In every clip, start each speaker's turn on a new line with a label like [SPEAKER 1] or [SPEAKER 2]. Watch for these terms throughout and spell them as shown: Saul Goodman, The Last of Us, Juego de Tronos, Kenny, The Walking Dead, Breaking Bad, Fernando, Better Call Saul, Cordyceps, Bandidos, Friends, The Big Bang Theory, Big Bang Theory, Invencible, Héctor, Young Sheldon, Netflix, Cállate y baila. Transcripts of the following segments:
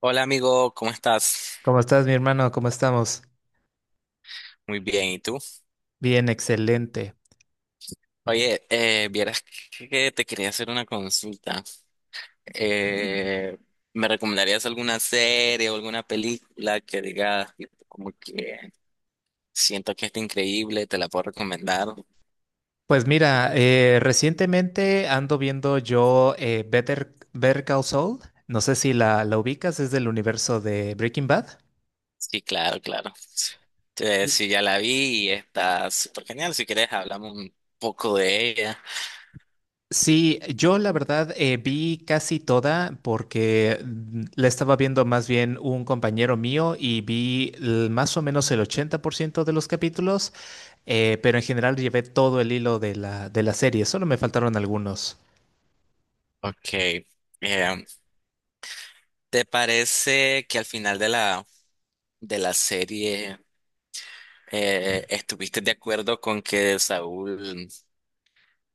[SPEAKER 1] Hola amigo, ¿cómo estás?
[SPEAKER 2] ¿Cómo estás, mi hermano? ¿Cómo estamos?
[SPEAKER 1] Muy bien, ¿y tú?
[SPEAKER 2] Bien, excelente.
[SPEAKER 1] Oye, vieras que te quería hacer una consulta. Eh, ¿Me recomendarías alguna serie o alguna película que digas tipo, como que siento que está increíble, te la puedo recomendar?
[SPEAKER 2] Pues mira, recientemente ando viendo yo Better Call Saul. No sé si la ubicas, es del universo de Breaking Bad.
[SPEAKER 1] Sí, claro, claro. Sí, ya la vi y está súper genial. Si quieres, hablamos un poco de ella.
[SPEAKER 2] Sí, yo la verdad vi casi toda porque la estaba viendo más bien un compañero mío y más o menos el 80% de los capítulos, pero en general llevé todo el hilo de de la serie, solo me faltaron algunos.
[SPEAKER 1] Ok. eh, ¿Te parece que al final de la serie, estuviste de acuerdo con que Saúl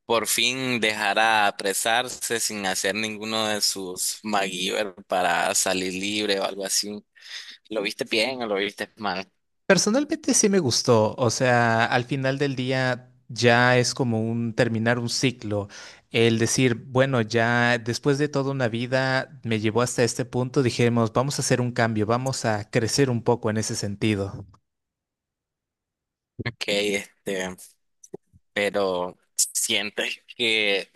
[SPEAKER 1] por fin dejara apresarse sin hacer ninguno de sus MacGyver para salir libre o algo así? ¿Lo viste bien o lo viste mal?
[SPEAKER 2] Personalmente sí me gustó, o sea, al final del día ya es como un terminar un ciclo, el decir, bueno, ya después de toda una vida me llevó hasta este punto, dijimos, vamos a hacer un cambio, vamos a crecer un poco en ese sentido.
[SPEAKER 1] Ok, este, pero ¿sientes que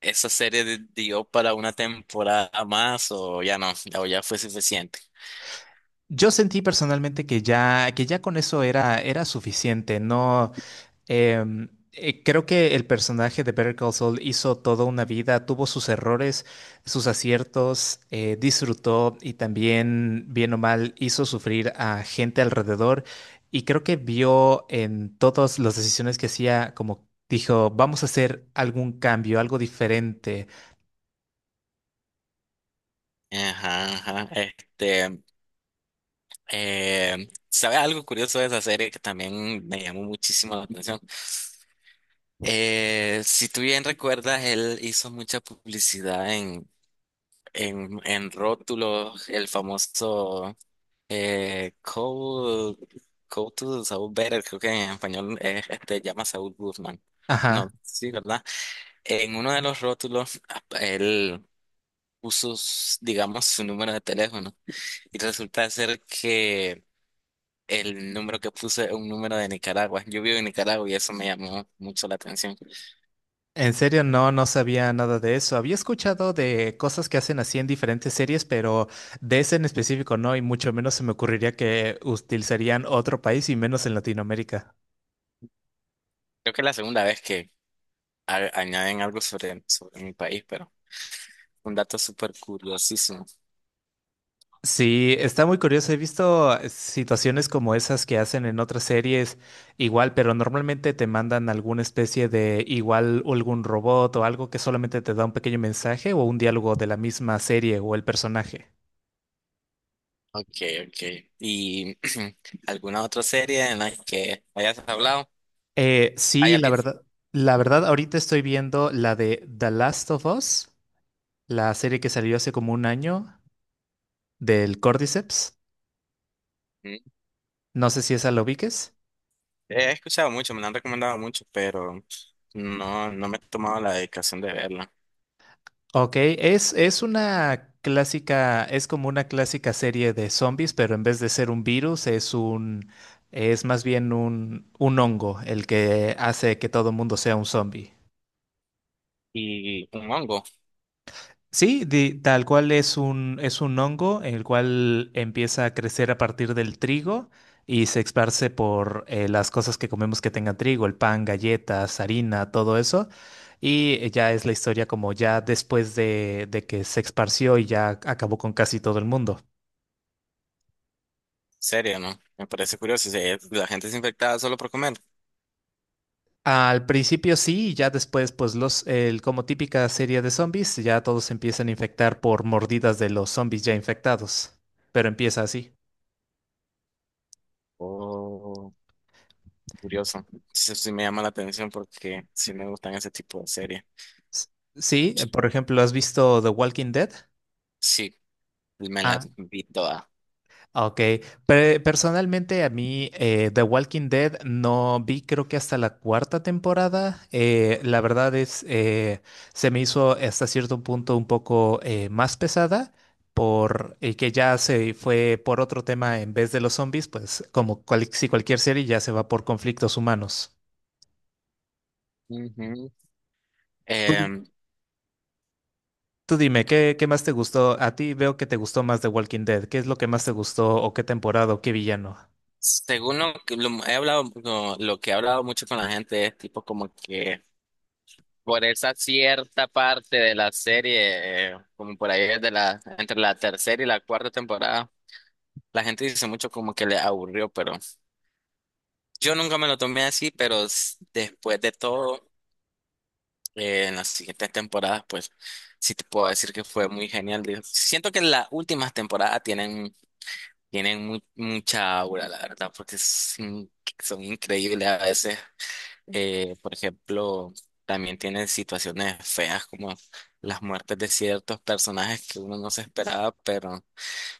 [SPEAKER 1] esa serie dio para una temporada más o ya no, o ya fue suficiente?
[SPEAKER 2] Yo sentí personalmente que ya con eso era suficiente, no. Creo que el personaje de Better Call Saul hizo toda una vida, tuvo sus errores, sus aciertos, disfrutó y también, bien o mal, hizo sufrir a gente alrededor. Y creo que vio en todas las decisiones que hacía, como dijo, vamos a hacer algún cambio, algo diferente.
[SPEAKER 1] Ajá, ajá, este, ¿sabes algo curioso de esa serie que también me llamó muchísimo la atención? Si tú bien recuerdas, él hizo mucha publicidad en, en rótulos, el famoso Code, Code to Saul Better, creo que en español es, este, llama Saul Goodman. No,
[SPEAKER 2] Ajá.
[SPEAKER 1] sí, ¿verdad? En uno de los rótulos, él puso, digamos, su número de teléfono y resulta ser que el número que puso es un número de Nicaragua. Yo vivo en Nicaragua y eso me llamó mucho la atención.
[SPEAKER 2] En serio, no, no sabía nada de eso. Había escuchado de cosas que hacen así en diferentes series, pero de ese en específico no, y mucho menos se me ocurriría que utilizarían otro país y menos en Latinoamérica.
[SPEAKER 1] Creo que es la segunda vez que añaden algo sobre, sobre mi país, pero un dato súper curiosísimo.
[SPEAKER 2] Sí, está muy curioso. He visto situaciones como esas que hacen en otras series igual, pero normalmente te mandan alguna especie de igual algún robot o algo que solamente te da un pequeño mensaje o un diálogo de la misma serie o el personaje.
[SPEAKER 1] Ok, ok. ¿Y alguna otra serie en la que hayas hablado?
[SPEAKER 2] Sí,
[SPEAKER 1] ¿Hayas visto?
[SPEAKER 2] la verdad, ahorita estoy viendo la de The Last of Us, la serie que salió hace como un año del Cordyceps.
[SPEAKER 1] Mm,
[SPEAKER 2] No sé si esa lo ubiques.
[SPEAKER 1] He escuchado mucho, me la han recomendado mucho, pero no, no me he tomado la dedicación de verla.
[SPEAKER 2] Ok, es una clásica, es como una clásica serie de zombies, pero en vez de ser un virus, es más bien un hongo el que hace que todo el mundo sea un zombie.
[SPEAKER 1] ¿Y un hongo?
[SPEAKER 2] Sí, tal cual es un hongo, el cual empieza a crecer a partir del trigo y se esparce por las cosas que comemos que tengan trigo, el pan, galletas, harina, todo eso. Y ya es la historia como ya después de que se esparció y ya acabó con casi todo el mundo.
[SPEAKER 1] serio? ¿No? Me parece curioso. Si es- La gente es infectada solo por comer.
[SPEAKER 2] Al principio sí, y ya después, pues como típica serie de zombies, ya todos se empiezan a infectar por mordidas de los zombies ya infectados. Pero empieza así.
[SPEAKER 1] Oh, curioso. Eso sí me llama la atención porque sí me gustan ese tipo de series.
[SPEAKER 2] S- Sí, por ejemplo, ¿has visto The Walking Dead?
[SPEAKER 1] Sí, me la
[SPEAKER 2] Ah,
[SPEAKER 1] vi toda.
[SPEAKER 2] ok. Personalmente a mí The Walking Dead no vi creo que hasta la cuarta temporada. La verdad es, se me hizo hasta cierto punto un poco más pesada por que ya se fue por otro tema en vez de los zombies, pues si cualquier serie ya se va por conflictos humanos.
[SPEAKER 1] Ujú. Em,
[SPEAKER 2] Tú dime, ¿ qué más te gustó? A ti veo que te gustó más de Walking Dead. ¿Qué es lo que más te gustó o qué temporada o qué villano?
[SPEAKER 1] Según lo que lo he hablado, lo que he hablado mucho con la gente es tipo como que por esa cierta parte de la serie, como por ahí de la, entre la tercera y la cuarta temporada, la gente dice mucho como que le aburrió, pero yo nunca me lo tomé así, pero después de todo, en las siguientes temporadas, pues sí te puedo decir que fue muy genial. Digo, siento que las últimas temporadas tienen, tienen mucha aura, la verdad, porque son increíbles a veces. Por ejemplo, también tiene situaciones feas como las muertes de ciertos personajes que uno no se esperaba, pero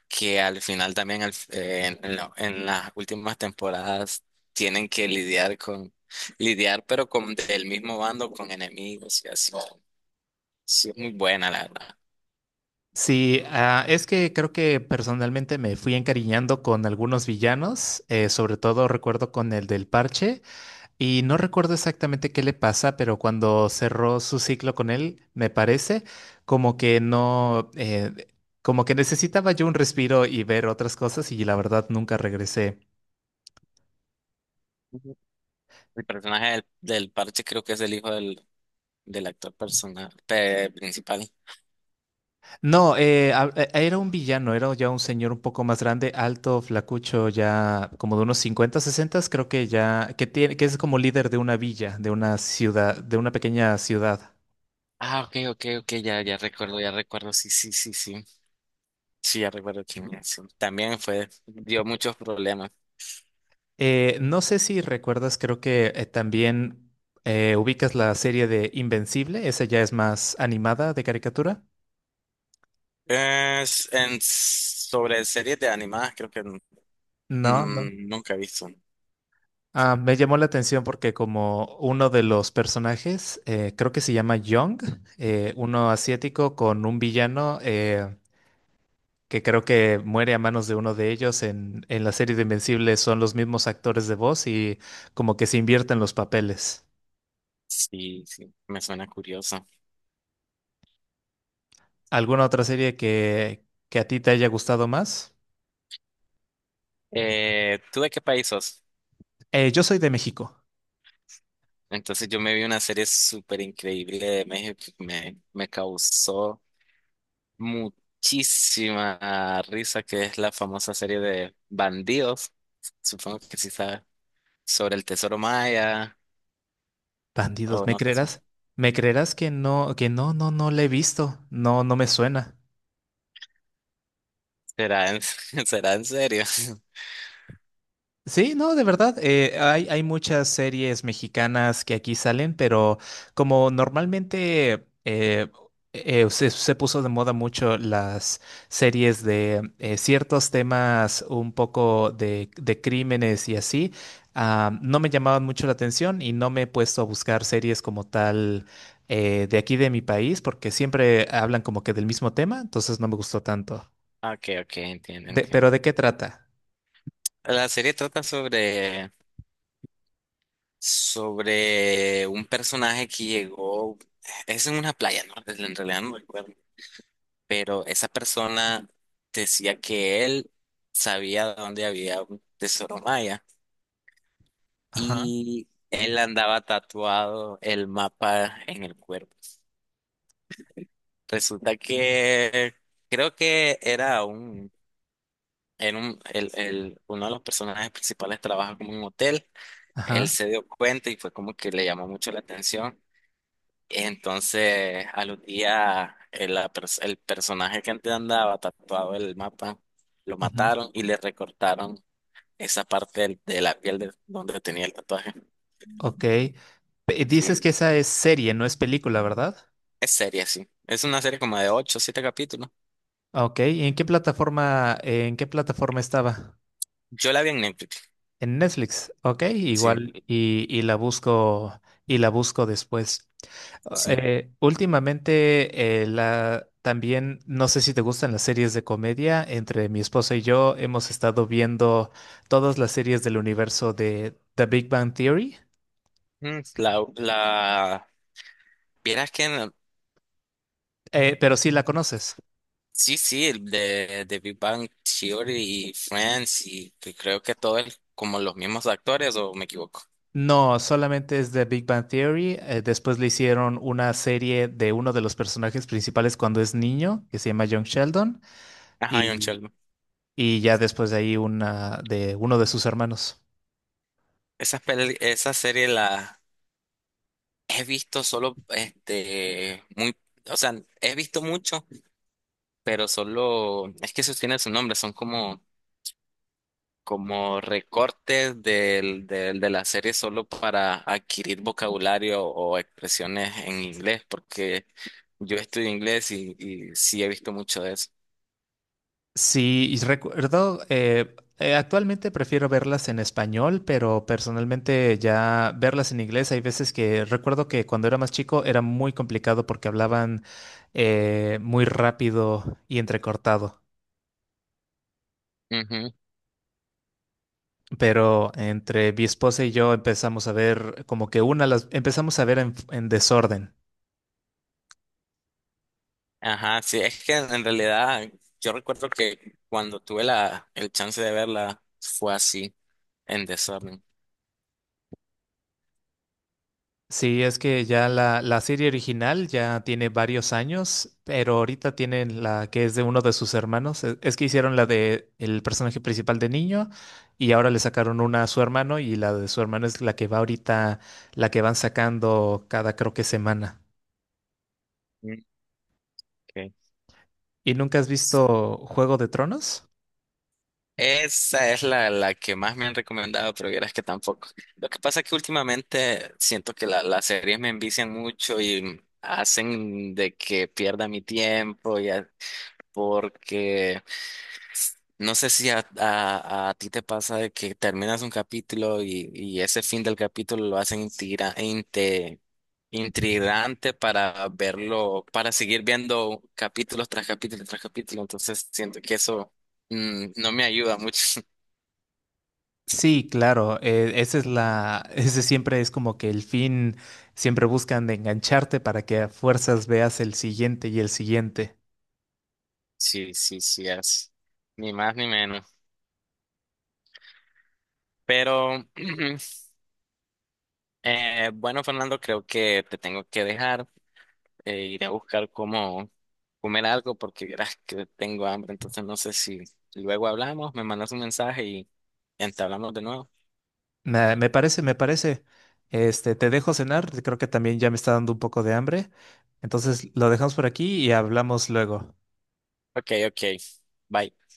[SPEAKER 1] que al final también en, en las últimas temporadas tienen que lidiar con, lidiar pero con del mismo bando, con enemigos y así. Sí, es muy buena, la verdad.
[SPEAKER 2] Sí, ah, es que creo que personalmente me fui encariñando con algunos villanos, sobre todo recuerdo con el del parche y no recuerdo exactamente qué le pasa, pero cuando cerró su ciclo con él, me parece como que no, como que necesitaba yo un respiro y ver otras cosas y la verdad nunca regresé.
[SPEAKER 1] Ujú. El personaje del parche creo que es el hijo del actor personal, principal.
[SPEAKER 2] No, era un villano, era ya un señor un poco más grande, alto, flacucho, ya como de unos 50 60, creo que ya, que tiene, que es como líder de una villa, de una ciudad, de una pequeña ciudad.
[SPEAKER 1] Ah, ok, ok, ok, ya, ya recuerdo, sí, sí, sí, sí. Sí, ya recuerdo quién es. También fue, dio muchos problemas.
[SPEAKER 2] No sé si recuerdas, creo que también ubicas la serie de Invencible, esa ya es más animada de caricatura.
[SPEAKER 1] Sobre series de animadas, creo que
[SPEAKER 2] No, no.
[SPEAKER 1] nunca he visto.
[SPEAKER 2] Ah, me llamó la atención porque como uno de los personajes, creo que se llama Young, uno asiático con un villano. Que creo que muere a manos de uno de ellos en la serie de Invencible, son los mismos actores de voz y como que se invierten los papeles.
[SPEAKER 1] Sí, sí, me suena curioso.
[SPEAKER 2] ¿Alguna otra serie que a ti te haya gustado más?
[SPEAKER 1] ¿Tú de qué país sos?
[SPEAKER 2] Yo soy de México.
[SPEAKER 1] Entonces yo me vi una serie súper increíble de México que me causó muchísima risa, que es la famosa serie de Bandidos, supongo que sí sabes, sobre el tesoro maya,
[SPEAKER 2] Bandidos,
[SPEAKER 1] o
[SPEAKER 2] ¿me
[SPEAKER 1] no sé,
[SPEAKER 2] creerás? ¿Me creerás que no, que no la he visto? No, no me suena.
[SPEAKER 1] será en, ¿será en serio?
[SPEAKER 2] Sí, no, de verdad, hay muchas series mexicanas que aquí salen, pero como normalmente se puso de moda mucho las series de ciertos temas un poco de crímenes y así, ah, no me llamaban mucho la atención y no me he puesto a buscar series como tal de aquí de mi país, porque siempre hablan como que del mismo tema, entonces no me gustó tanto.
[SPEAKER 1] Ah, ok, ok, entiendo,
[SPEAKER 2] Pero
[SPEAKER 1] entiendo.
[SPEAKER 2] ¿de qué trata?
[SPEAKER 1] La serie trata sobre, sobre un personaje que llegó, es en una playa, ¿no? Pues, en realidad no recuerdo, pero esa persona decía que él sabía dónde había un tesoro maya
[SPEAKER 2] Ajá,
[SPEAKER 1] y él andaba tatuado el mapa en el cuerpo. Resulta que creo que era un... En un, el, uno de los personajes principales trabaja como en un hotel. Él
[SPEAKER 2] ajá.
[SPEAKER 1] se dio cuenta y fue como que le llamó mucho la atención. Entonces, al los días, el personaje que antes andaba tatuado en el mapa, lo
[SPEAKER 2] Ujú.
[SPEAKER 1] mataron y le recortaron esa parte de la piel de donde tenía el tatuaje.
[SPEAKER 2] Ok. Dices
[SPEAKER 1] Sí,
[SPEAKER 2] que esa es serie, no es película, ¿verdad?
[SPEAKER 1] es serie, sí. Es una serie como de 8 o 7 capítulos.
[SPEAKER 2] Ah, ok, ¿y en qué plataforma estaba?
[SPEAKER 1] Yo la vi en Netflix.
[SPEAKER 2] En Netflix, ok,
[SPEAKER 1] Sí,
[SPEAKER 2] igual, y la busco después. Ah,
[SPEAKER 1] sí.
[SPEAKER 2] últimamente, también, no sé si te gustan las series de comedia, entre mi esposa y yo hemos estado viendo todas las series del universo de The Big Bang Theory.
[SPEAKER 1] Mm, La, vieras que no-
[SPEAKER 2] Pero sí la conoces.
[SPEAKER 1] Sí, sí, el de Big Bang Theory y Friends y que creo que todo es como los mismos actores o me equivoco.
[SPEAKER 2] No, solamente es de Big Bang Theory. Después le hicieron una serie de uno de los personajes principales cuando es niño, que se llama Young Sheldon,
[SPEAKER 1] Ajá, John
[SPEAKER 2] y,
[SPEAKER 1] Sheldon.
[SPEAKER 2] y ya después de ahí una de uno de sus hermanos.
[SPEAKER 1] Esa serie la he visto solo, este, muy, o sea, he visto mucho, pero solo, es que eso tiene su nombre, son como, como recortes de la serie solo para adquirir vocabulario o expresiones en inglés, porque yo estudio inglés y sí he visto mucho de eso.
[SPEAKER 2] Sí, y recuerdo, actualmente prefiero verlas en español, pero personalmente ya verlas en inglés hay veces que recuerdo que cuando era más chico era muy complicado porque hablaban muy rápido y entrecortado. Pero entre mi esposa y yo empezamos a ver como que una las empezamos a ver en desorden.
[SPEAKER 1] Ajá, sí, es que en realidad yo recuerdo que cuando tuve la, el chance de verla fue así, en desorden.
[SPEAKER 2] Sí, es que ya la serie original ya tiene varios años, pero ahorita tienen la que es de uno de sus hermanos. Es que hicieron la de el personaje principal de niño y ahora le sacaron una a su hermano y la de su hermano es la que va ahorita, la que van sacando cada creo que semana.
[SPEAKER 1] Mm, ok.
[SPEAKER 2] ¿Y nunca has visto Juego de Tronos?
[SPEAKER 1] Esa es la, la que más me han recomendado, pero vieras que tampoco. Lo que pasa es que últimamente siento que las series me envician mucho y hacen de que pierda mi tiempo, ya, porque no sé si a ti te pasa de que terminas un capítulo y ese fin del capítulo lo hacen intrigante para verlo, para seguir viendo capítulos tras capítulo tras capítulo. Entonces siento que eso no me ayuda mucho.
[SPEAKER 2] Sí, claro, ese siempre es como que el fin, siempre buscan engancharte para que a fuerzas veas el siguiente y el siguiente.
[SPEAKER 1] Sí, sí, sí, es ni más ni menos. Pero bueno, Fernando, creo que te tengo que dejar. Iré a buscar cómo comer algo porque verás que tengo hambre, entonces no sé si luego hablamos, me mandas un mensaje y entablamos de nuevo.
[SPEAKER 2] Me parece, me parece. Este, te dejo cenar, creo que también ya me está dando un poco de hambre. Entonces lo dejamos por aquí y hablamos luego.
[SPEAKER 1] Ok, ok, bye.